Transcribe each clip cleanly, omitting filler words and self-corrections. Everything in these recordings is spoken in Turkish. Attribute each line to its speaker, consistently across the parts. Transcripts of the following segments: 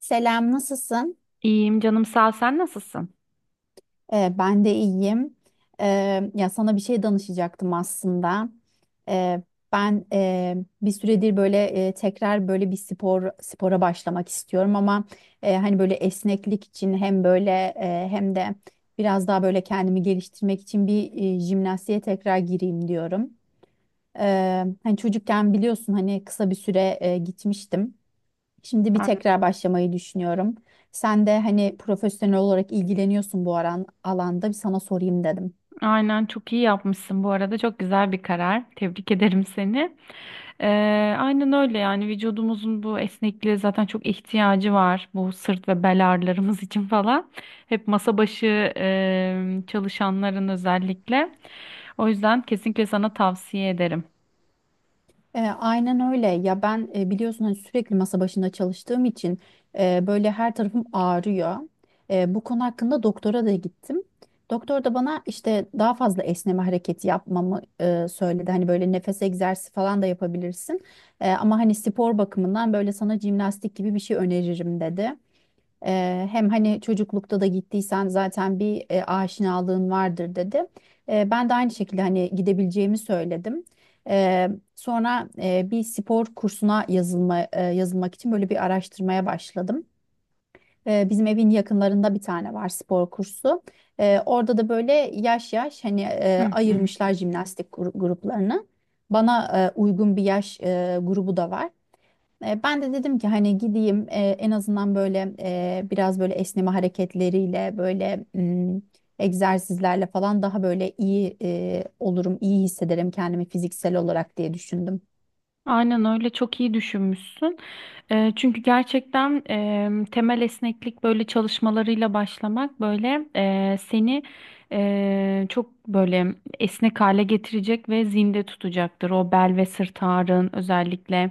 Speaker 1: Selam, nasılsın?
Speaker 2: İyiyim canım sağ ol. Sen nasılsın?
Speaker 1: Ben de iyiyim. Ya sana bir şey danışacaktım aslında. Ee, ben bir süredir böyle tekrar böyle bir spora başlamak istiyorum ama hani böyle esneklik için hem böyle hem de biraz daha böyle kendimi geliştirmek için jimnastiğe tekrar gireyim diyorum. Hani çocukken biliyorsun hani kısa bir süre gitmiştim. Şimdi bir
Speaker 2: Aynen.
Speaker 1: tekrar başlamayı düşünüyorum. Sen de hani profesyonel olarak ilgileniyorsun bu alanda bir sana sorayım dedim.
Speaker 2: Aynen, çok iyi yapmışsın bu arada. Çok güzel bir karar. Tebrik ederim seni. Ee, aynen öyle yani vücudumuzun bu esnekliğe zaten çok ihtiyacı var. Bu sırt ve bel ağrılarımız için falan. Hep masa başı çalışanların özellikle. O yüzden kesinlikle sana tavsiye ederim.
Speaker 1: Aynen öyle. Ya ben biliyorsun hani sürekli masa başında çalıştığım için böyle her tarafım ağrıyor. Bu konu hakkında doktora da gittim. Doktor da bana işte daha fazla esneme hareketi yapmamı söyledi. Hani böyle nefes egzersizi falan da yapabilirsin. Ama hani spor bakımından böyle sana jimnastik gibi bir şey öneririm dedi. Hem hani çocuklukta da gittiysen zaten bir aşinalığın vardır dedi. Ben de aynı şekilde hani gidebileceğimi söyledim. Eee, Sonra bir spor kursuna yazılmak için böyle bir araştırmaya başladım. Bizim evin yakınlarında bir tane var spor kursu. Orada da böyle yaş hani
Speaker 2: Hı hı.
Speaker 1: ayırmışlar jimnastik gruplarını. Bana uygun bir yaş grubu da var. Ben de dedim ki hani gideyim en azından böyle biraz böyle esneme hareketleriyle böyle egzersizlerle falan daha böyle iyi olurum, iyi hissederim kendimi fiziksel olarak diye düşündüm.
Speaker 2: Aynen öyle, çok iyi düşünmüşsün. Çünkü gerçekten temel esneklik böyle çalışmalarıyla başlamak böyle seni çok böyle esnek hale getirecek ve zinde tutacaktır. O bel ve sırt ağrın özellikle,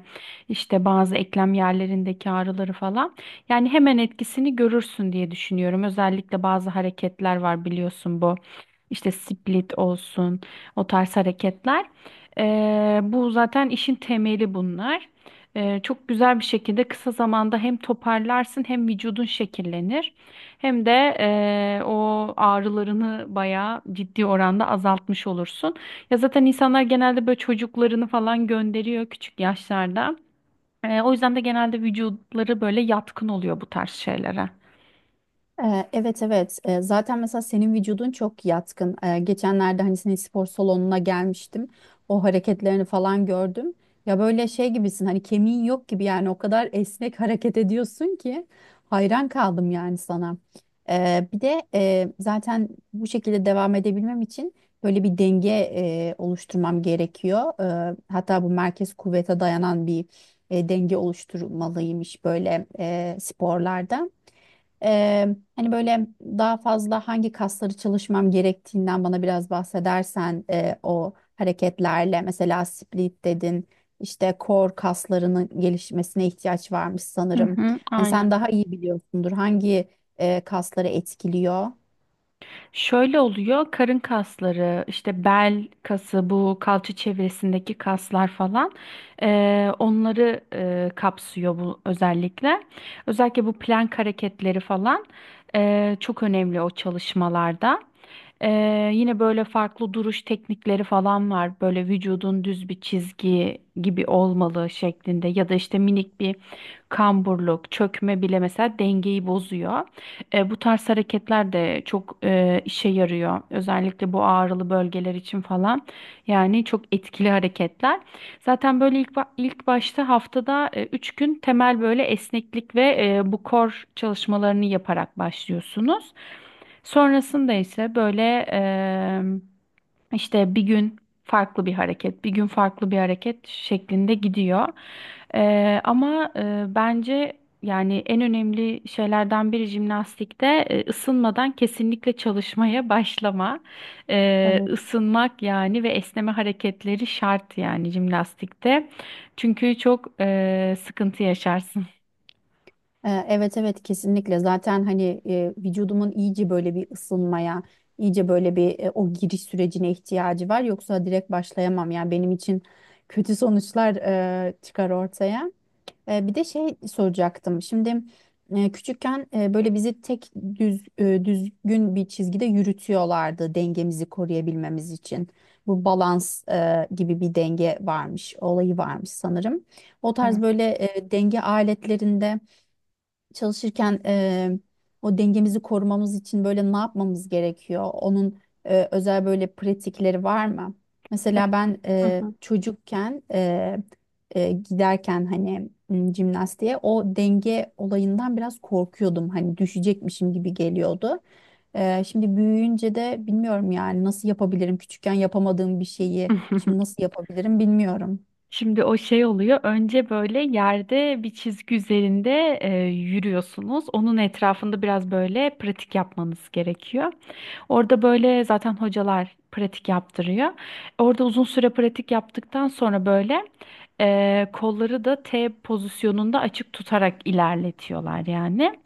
Speaker 2: işte bazı eklem yerlerindeki ağrıları falan. Yani hemen etkisini görürsün diye düşünüyorum. Özellikle bazı hareketler var biliyorsun bu. İşte split olsun, o tarz hareketler. Bu zaten işin temeli bunlar. Çok güzel bir şekilde kısa zamanda hem toparlarsın, hem vücudun şekillenir, hem de o ağrılarını bayağı ciddi oranda azaltmış olursun. Ya zaten insanlar genelde böyle çocuklarını falan gönderiyor küçük yaşlarda. O yüzden de genelde vücutları böyle yatkın oluyor bu tarz şeylere.
Speaker 1: Evet, evet. Zaten mesela senin vücudun çok yatkın. Geçenlerde hani senin spor salonuna gelmiştim, o hareketlerini falan gördüm, ya böyle şey gibisin hani kemiğin yok gibi yani o kadar esnek hareket ediyorsun ki hayran kaldım yani sana. Bir de zaten bu şekilde devam edebilmem için böyle bir denge oluşturmam gerekiyor. Hatta bu merkez kuvvete dayanan bir denge oluşturmalıymış böyle sporlarda. Hani böyle daha fazla hangi kasları çalışmam gerektiğinden bana biraz bahsedersen o hareketlerle mesela split dedin, işte core kaslarının gelişmesine ihtiyaç varmış
Speaker 2: Hı
Speaker 1: sanırım.
Speaker 2: hı,
Speaker 1: Hani sen
Speaker 2: aynen.
Speaker 1: daha iyi biliyorsundur hangi kasları etkiliyor?
Speaker 2: Şöyle oluyor, karın kasları, işte bel kası, bu kalça çevresindeki kaslar falan, onları kapsıyor bu özellikle. Özellikle bu plank hareketleri falan çok önemli o çalışmalarda. Yine böyle farklı duruş teknikleri falan var, böyle vücudun düz bir çizgi gibi olmalı şeklinde, ya da işte minik bir kamburluk, çökme bile mesela dengeyi bozuyor. Bu tarz hareketler de çok işe yarıyor. Özellikle bu ağrılı bölgeler için falan. Yani çok etkili hareketler. Zaten böyle ilk başta haftada 3 gün temel böyle esneklik ve bu core çalışmalarını yaparak başlıyorsunuz. Sonrasında ise böyle işte bir gün farklı bir hareket, bir gün farklı bir hareket şeklinde gidiyor. Ama bence yani en önemli şeylerden biri jimnastikte ısınmadan kesinlikle çalışmaya başlama. Isınmak yani ve esneme hareketleri şart yani jimnastikte. Çünkü çok sıkıntı yaşarsın.
Speaker 1: Evet, evet, kesinlikle. Zaten hani vücudumun iyice böyle bir ısınmaya, iyice böyle bir o giriş sürecine ihtiyacı var, yoksa direkt başlayamam yani. Benim için kötü sonuçlar çıkar ortaya. Bir de şey soracaktım şimdi. Küçükken böyle bizi tek düzgün bir çizgide yürütüyorlardı dengemizi koruyabilmemiz için. Bu balans gibi bir denge varmış olayı varmış sanırım. O tarz
Speaker 2: Evet.
Speaker 1: böyle denge aletlerinde çalışırken o dengemizi korumamız için böyle ne yapmamız gerekiyor? Onun özel böyle pratikleri var mı? Mesela ben
Speaker 2: Hı hı.
Speaker 1: çocukken giderken hani jimnastiğe o denge olayından biraz korkuyordum. Hani düşecekmişim gibi geliyordu. Şimdi büyüyünce de bilmiyorum yani nasıl yapabilirim? Küçükken yapamadığım bir şeyi şimdi nasıl yapabilirim bilmiyorum.
Speaker 2: Şimdi o şey oluyor. Önce böyle yerde bir çizgi üzerinde yürüyorsunuz. Onun etrafında biraz böyle pratik yapmanız gerekiyor. Orada böyle zaten hocalar pratik yaptırıyor. Orada uzun süre pratik yaptıktan sonra böyle kolları da T pozisyonunda açık tutarak ilerletiyorlar yani.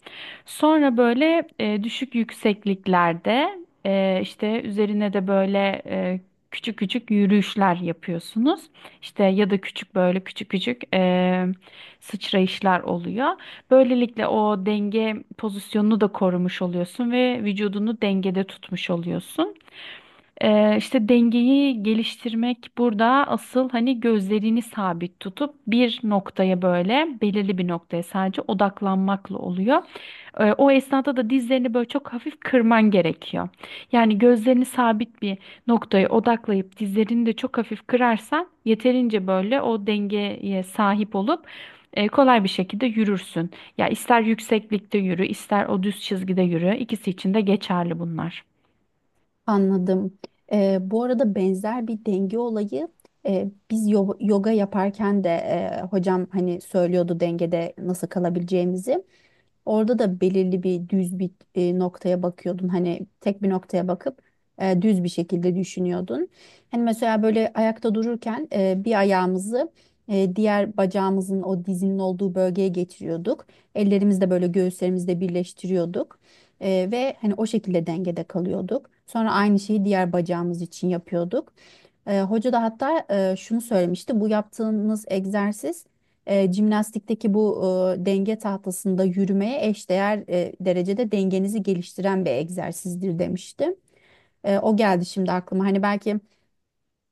Speaker 2: Sonra böyle düşük yüksekliklerde işte üzerine de böyle küçük küçük yürüyüşler yapıyorsunuz. İşte ya da küçük böyle küçük küçük sıçrayışlar oluyor. Böylelikle o denge pozisyonunu da korumuş oluyorsun ve vücudunu dengede tutmuş oluyorsun. İşte dengeyi geliştirmek burada asıl, hani gözlerini sabit tutup bir noktaya, böyle belirli bir noktaya sadece odaklanmakla oluyor. O esnada da dizlerini böyle çok hafif kırman gerekiyor. Yani gözlerini sabit bir noktaya odaklayıp dizlerini de çok hafif kırarsan yeterince böyle o dengeye sahip olup kolay bir şekilde yürürsün. Ya ister yükseklikte yürü, ister o düz çizgide yürü. İkisi için de geçerli bunlar.
Speaker 1: Anladım. Bu arada benzer bir denge olayı biz yoga yaparken de hocam hani söylüyordu dengede nasıl kalabileceğimizi. Orada da belirli bir düz bir noktaya bakıyordun. Hani tek bir noktaya bakıp düz bir şekilde düşünüyordun. Hani mesela böyle ayakta dururken bir ayağımızı diğer bacağımızın o dizinin olduğu bölgeye getiriyorduk. Ellerimizi böyle göğüslerimizde birleştiriyorduk. Ve hani o şekilde dengede kalıyorduk. Sonra aynı şeyi diğer bacağımız için yapıyorduk. Hoca da hatta şunu söylemişti. Bu yaptığınız egzersiz jimnastikteki bu denge tahtasında yürümeye eşdeğer derecede dengenizi geliştiren bir egzersizdir demişti. O geldi şimdi aklıma. Hani belki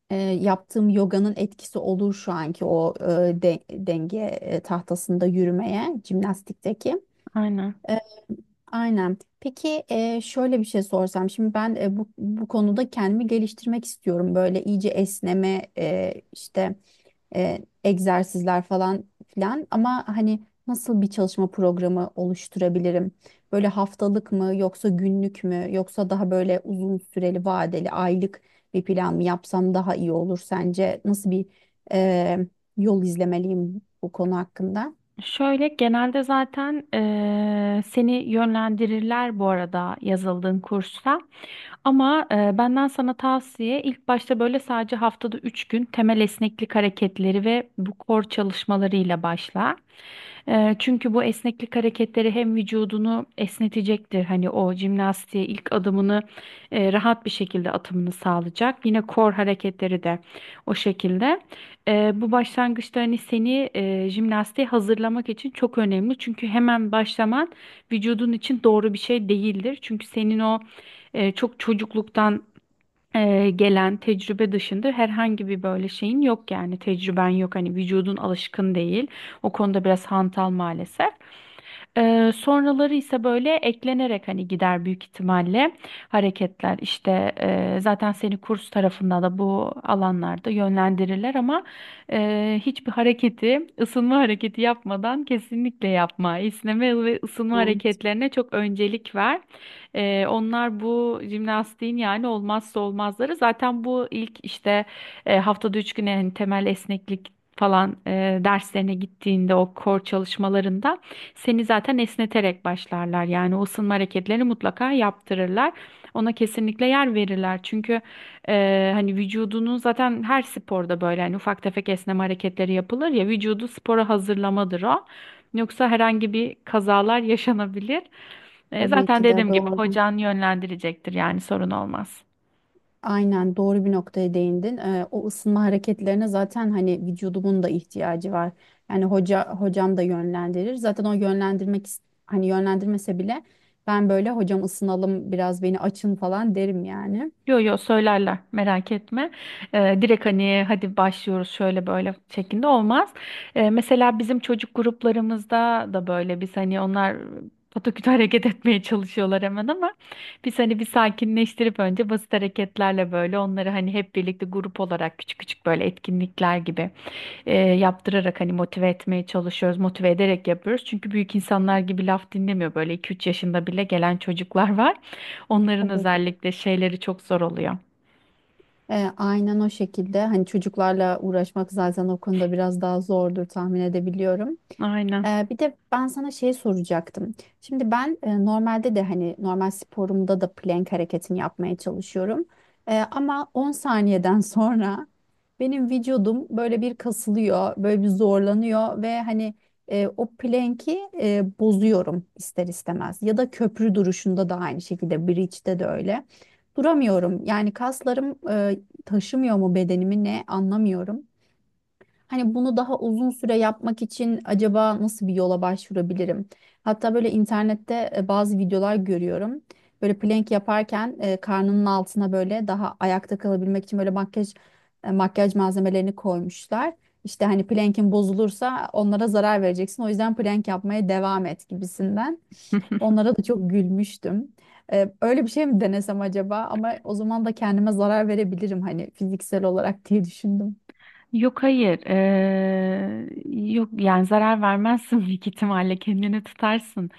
Speaker 1: yaptığım yoganın etkisi olur şu anki o denge tahtasında yürümeye, jimnastikteki.
Speaker 2: Aynen.
Speaker 1: E, aynen. Peki şöyle bir şey sorsam. Şimdi ben bu konuda kendimi geliştirmek istiyorum. Böyle iyice esneme işte egzersizler falan filan, ama hani nasıl bir çalışma programı oluşturabilirim? Böyle haftalık mı yoksa günlük mü yoksa daha böyle uzun süreli vadeli aylık bir plan mı yapsam daha iyi olur sence? Nasıl bir e, yol izlemeliyim bu konu hakkında?
Speaker 2: Şöyle, genelde zaten seni yönlendirirler bu arada yazıldığın kursa. Ama benden sana tavsiye, ilk başta böyle sadece haftada 3 gün temel esneklik hareketleri ve bu core çalışmalarıyla başla. Çünkü bu esneklik hareketleri hem vücudunu esnetecektir. Hani o jimnastiğe ilk adımını rahat bir şekilde atımını sağlayacak. Yine kor hareketleri de o şekilde. Bu başlangıçta hani seni jimnastiğe hazırlamak için çok önemli. Çünkü hemen başlaman vücudun için doğru bir şey değildir. Çünkü senin o çok çocukluktan gelen tecrübe dışında herhangi bir böyle şeyin yok, yani tecrüben yok, hani vücudun alışkın değil, o konuda biraz hantal maalesef. Sonraları ise böyle eklenerek hani gider büyük ihtimalle hareketler, işte zaten seni kurs tarafında da bu alanlarda yönlendirirler ama hiçbir hareketi ısınma hareketi yapmadan kesinlikle yapma. İsneme ve ısınma
Speaker 1: Hı,
Speaker 2: hareketlerine çok öncelik ver. Onlar bu jimnastiğin yani olmazsa olmazları. Zaten bu ilk, işte haftada üç güne, hani temel esneklik falan derslerine gittiğinde, o core çalışmalarında seni zaten esneterek başlarlar. Yani o ısınma hareketlerini mutlaka yaptırırlar. Ona kesinlikle yer verirler. Çünkü hani vücudunu zaten her sporda böyle hani ufak tefek esneme hareketleri yapılır ya, vücudu spora hazırlamadır o. Yoksa herhangi bir kazalar yaşanabilir.
Speaker 1: Tabii
Speaker 2: Zaten
Speaker 1: ki de
Speaker 2: dediğim gibi
Speaker 1: doğru.
Speaker 2: hocan yönlendirecektir, yani sorun olmaz.
Speaker 1: Aynen, doğru bir noktaya değindin. O ısınma hareketlerine zaten hani vücudumun da ihtiyacı var. Yani hocam da yönlendirir. Zaten o yönlendirmek hani yönlendirmese bile ben böyle hocam ısınalım biraz beni açın falan derim yani.
Speaker 2: Yo yo, söylerler, merak etme. Direkt hani hadi başlıyoruz şöyle böyle şeklinde olmaz. Mesela bizim çocuk gruplarımızda da böyle biz hani, onlar pataküte hareket etmeye çalışıyorlar hemen, ama biz hani bir sakinleştirip önce basit hareketlerle böyle onları, hani hep birlikte grup olarak küçük küçük böyle etkinlikler gibi yaptırarak hani motive etmeye çalışıyoruz. Motive ederek yapıyoruz. Çünkü büyük insanlar gibi laf dinlemiyor. Böyle iki üç yaşında bile gelen çocuklar var. Onların
Speaker 1: Tabii ki.
Speaker 2: özellikle şeyleri çok zor oluyor.
Speaker 1: Aynen o şekilde. Hani çocuklarla uğraşmak zaten o konuda biraz daha zordur, tahmin edebiliyorum.
Speaker 2: Aynen.
Speaker 1: Bir de ben sana şey soracaktım. Şimdi ben normalde de hani normal sporumda da plank hareketini yapmaya çalışıyorum. Ama 10 saniyeden sonra benim vücudum böyle bir kasılıyor, böyle bir zorlanıyor ve hani o plank'i bozuyorum ister istemez. Ya da köprü duruşunda da aynı şekilde, bridge'de de öyle duramıyorum. Yani kaslarım taşımıyor mu bedenimi ne anlamıyorum. Hani bunu daha uzun süre yapmak için acaba nasıl bir yola başvurabilirim? Hatta böyle internette bazı videolar görüyorum. Böyle plank yaparken karnının altına böyle daha ayakta kalabilmek için böyle makyaj malzemelerini koymuşlar. İşte hani plank'in bozulursa onlara zarar vereceksin. O yüzden plank yapmaya devam et gibisinden. Onlara da çok gülmüştüm. Öyle bir şey mi denesem acaba? Ama o zaman da kendime zarar verebilirim hani fiziksel olarak diye düşündüm.
Speaker 2: Yok, hayır. Yok yani zarar vermezsin, büyük ihtimalle kendini tutarsın.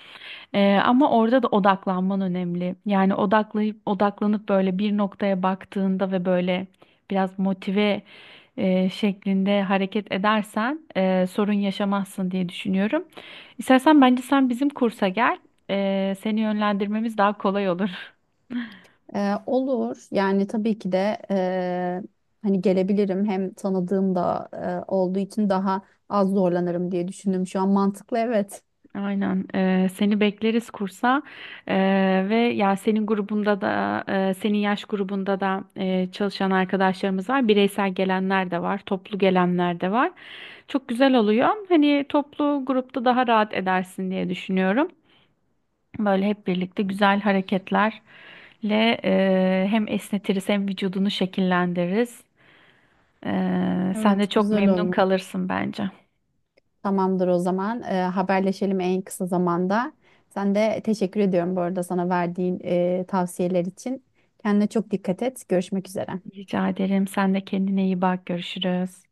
Speaker 2: Ama orada da odaklanman önemli. Yani odaklayıp böyle bir noktaya baktığında ve böyle biraz motive şeklinde hareket edersen sorun yaşamazsın diye düşünüyorum. İstersen bence sen bizim kursa gel. Seni yönlendirmemiz daha kolay olur.
Speaker 1: Olur. Yani tabii ki de hani gelebilirim. Hem tanıdığım da olduğu için daha az zorlanırım diye düşündüm. Şu an mantıklı, evet.
Speaker 2: Aynen. Seni bekleriz kursa. Ve ya senin grubunda da senin yaş grubunda da çalışan arkadaşlarımız var. Bireysel gelenler de var, toplu gelenler de var. Çok güzel oluyor. Hani toplu grupta daha rahat edersin diye düşünüyorum. Böyle hep birlikte güzel hareketlerle hem esnetiriz hem vücudunu şekillendiririz. Sen de
Speaker 1: Evet,
Speaker 2: çok
Speaker 1: güzel
Speaker 2: memnun
Speaker 1: olur.
Speaker 2: kalırsın bence.
Speaker 1: Tamamdır o zaman. Haberleşelim en kısa zamanda. Sen de teşekkür ediyorum bu arada sana verdiğin tavsiyeler için. Kendine çok dikkat et. Görüşmek üzere.
Speaker 2: Rica ederim. Sen de kendine iyi bak. Görüşürüz.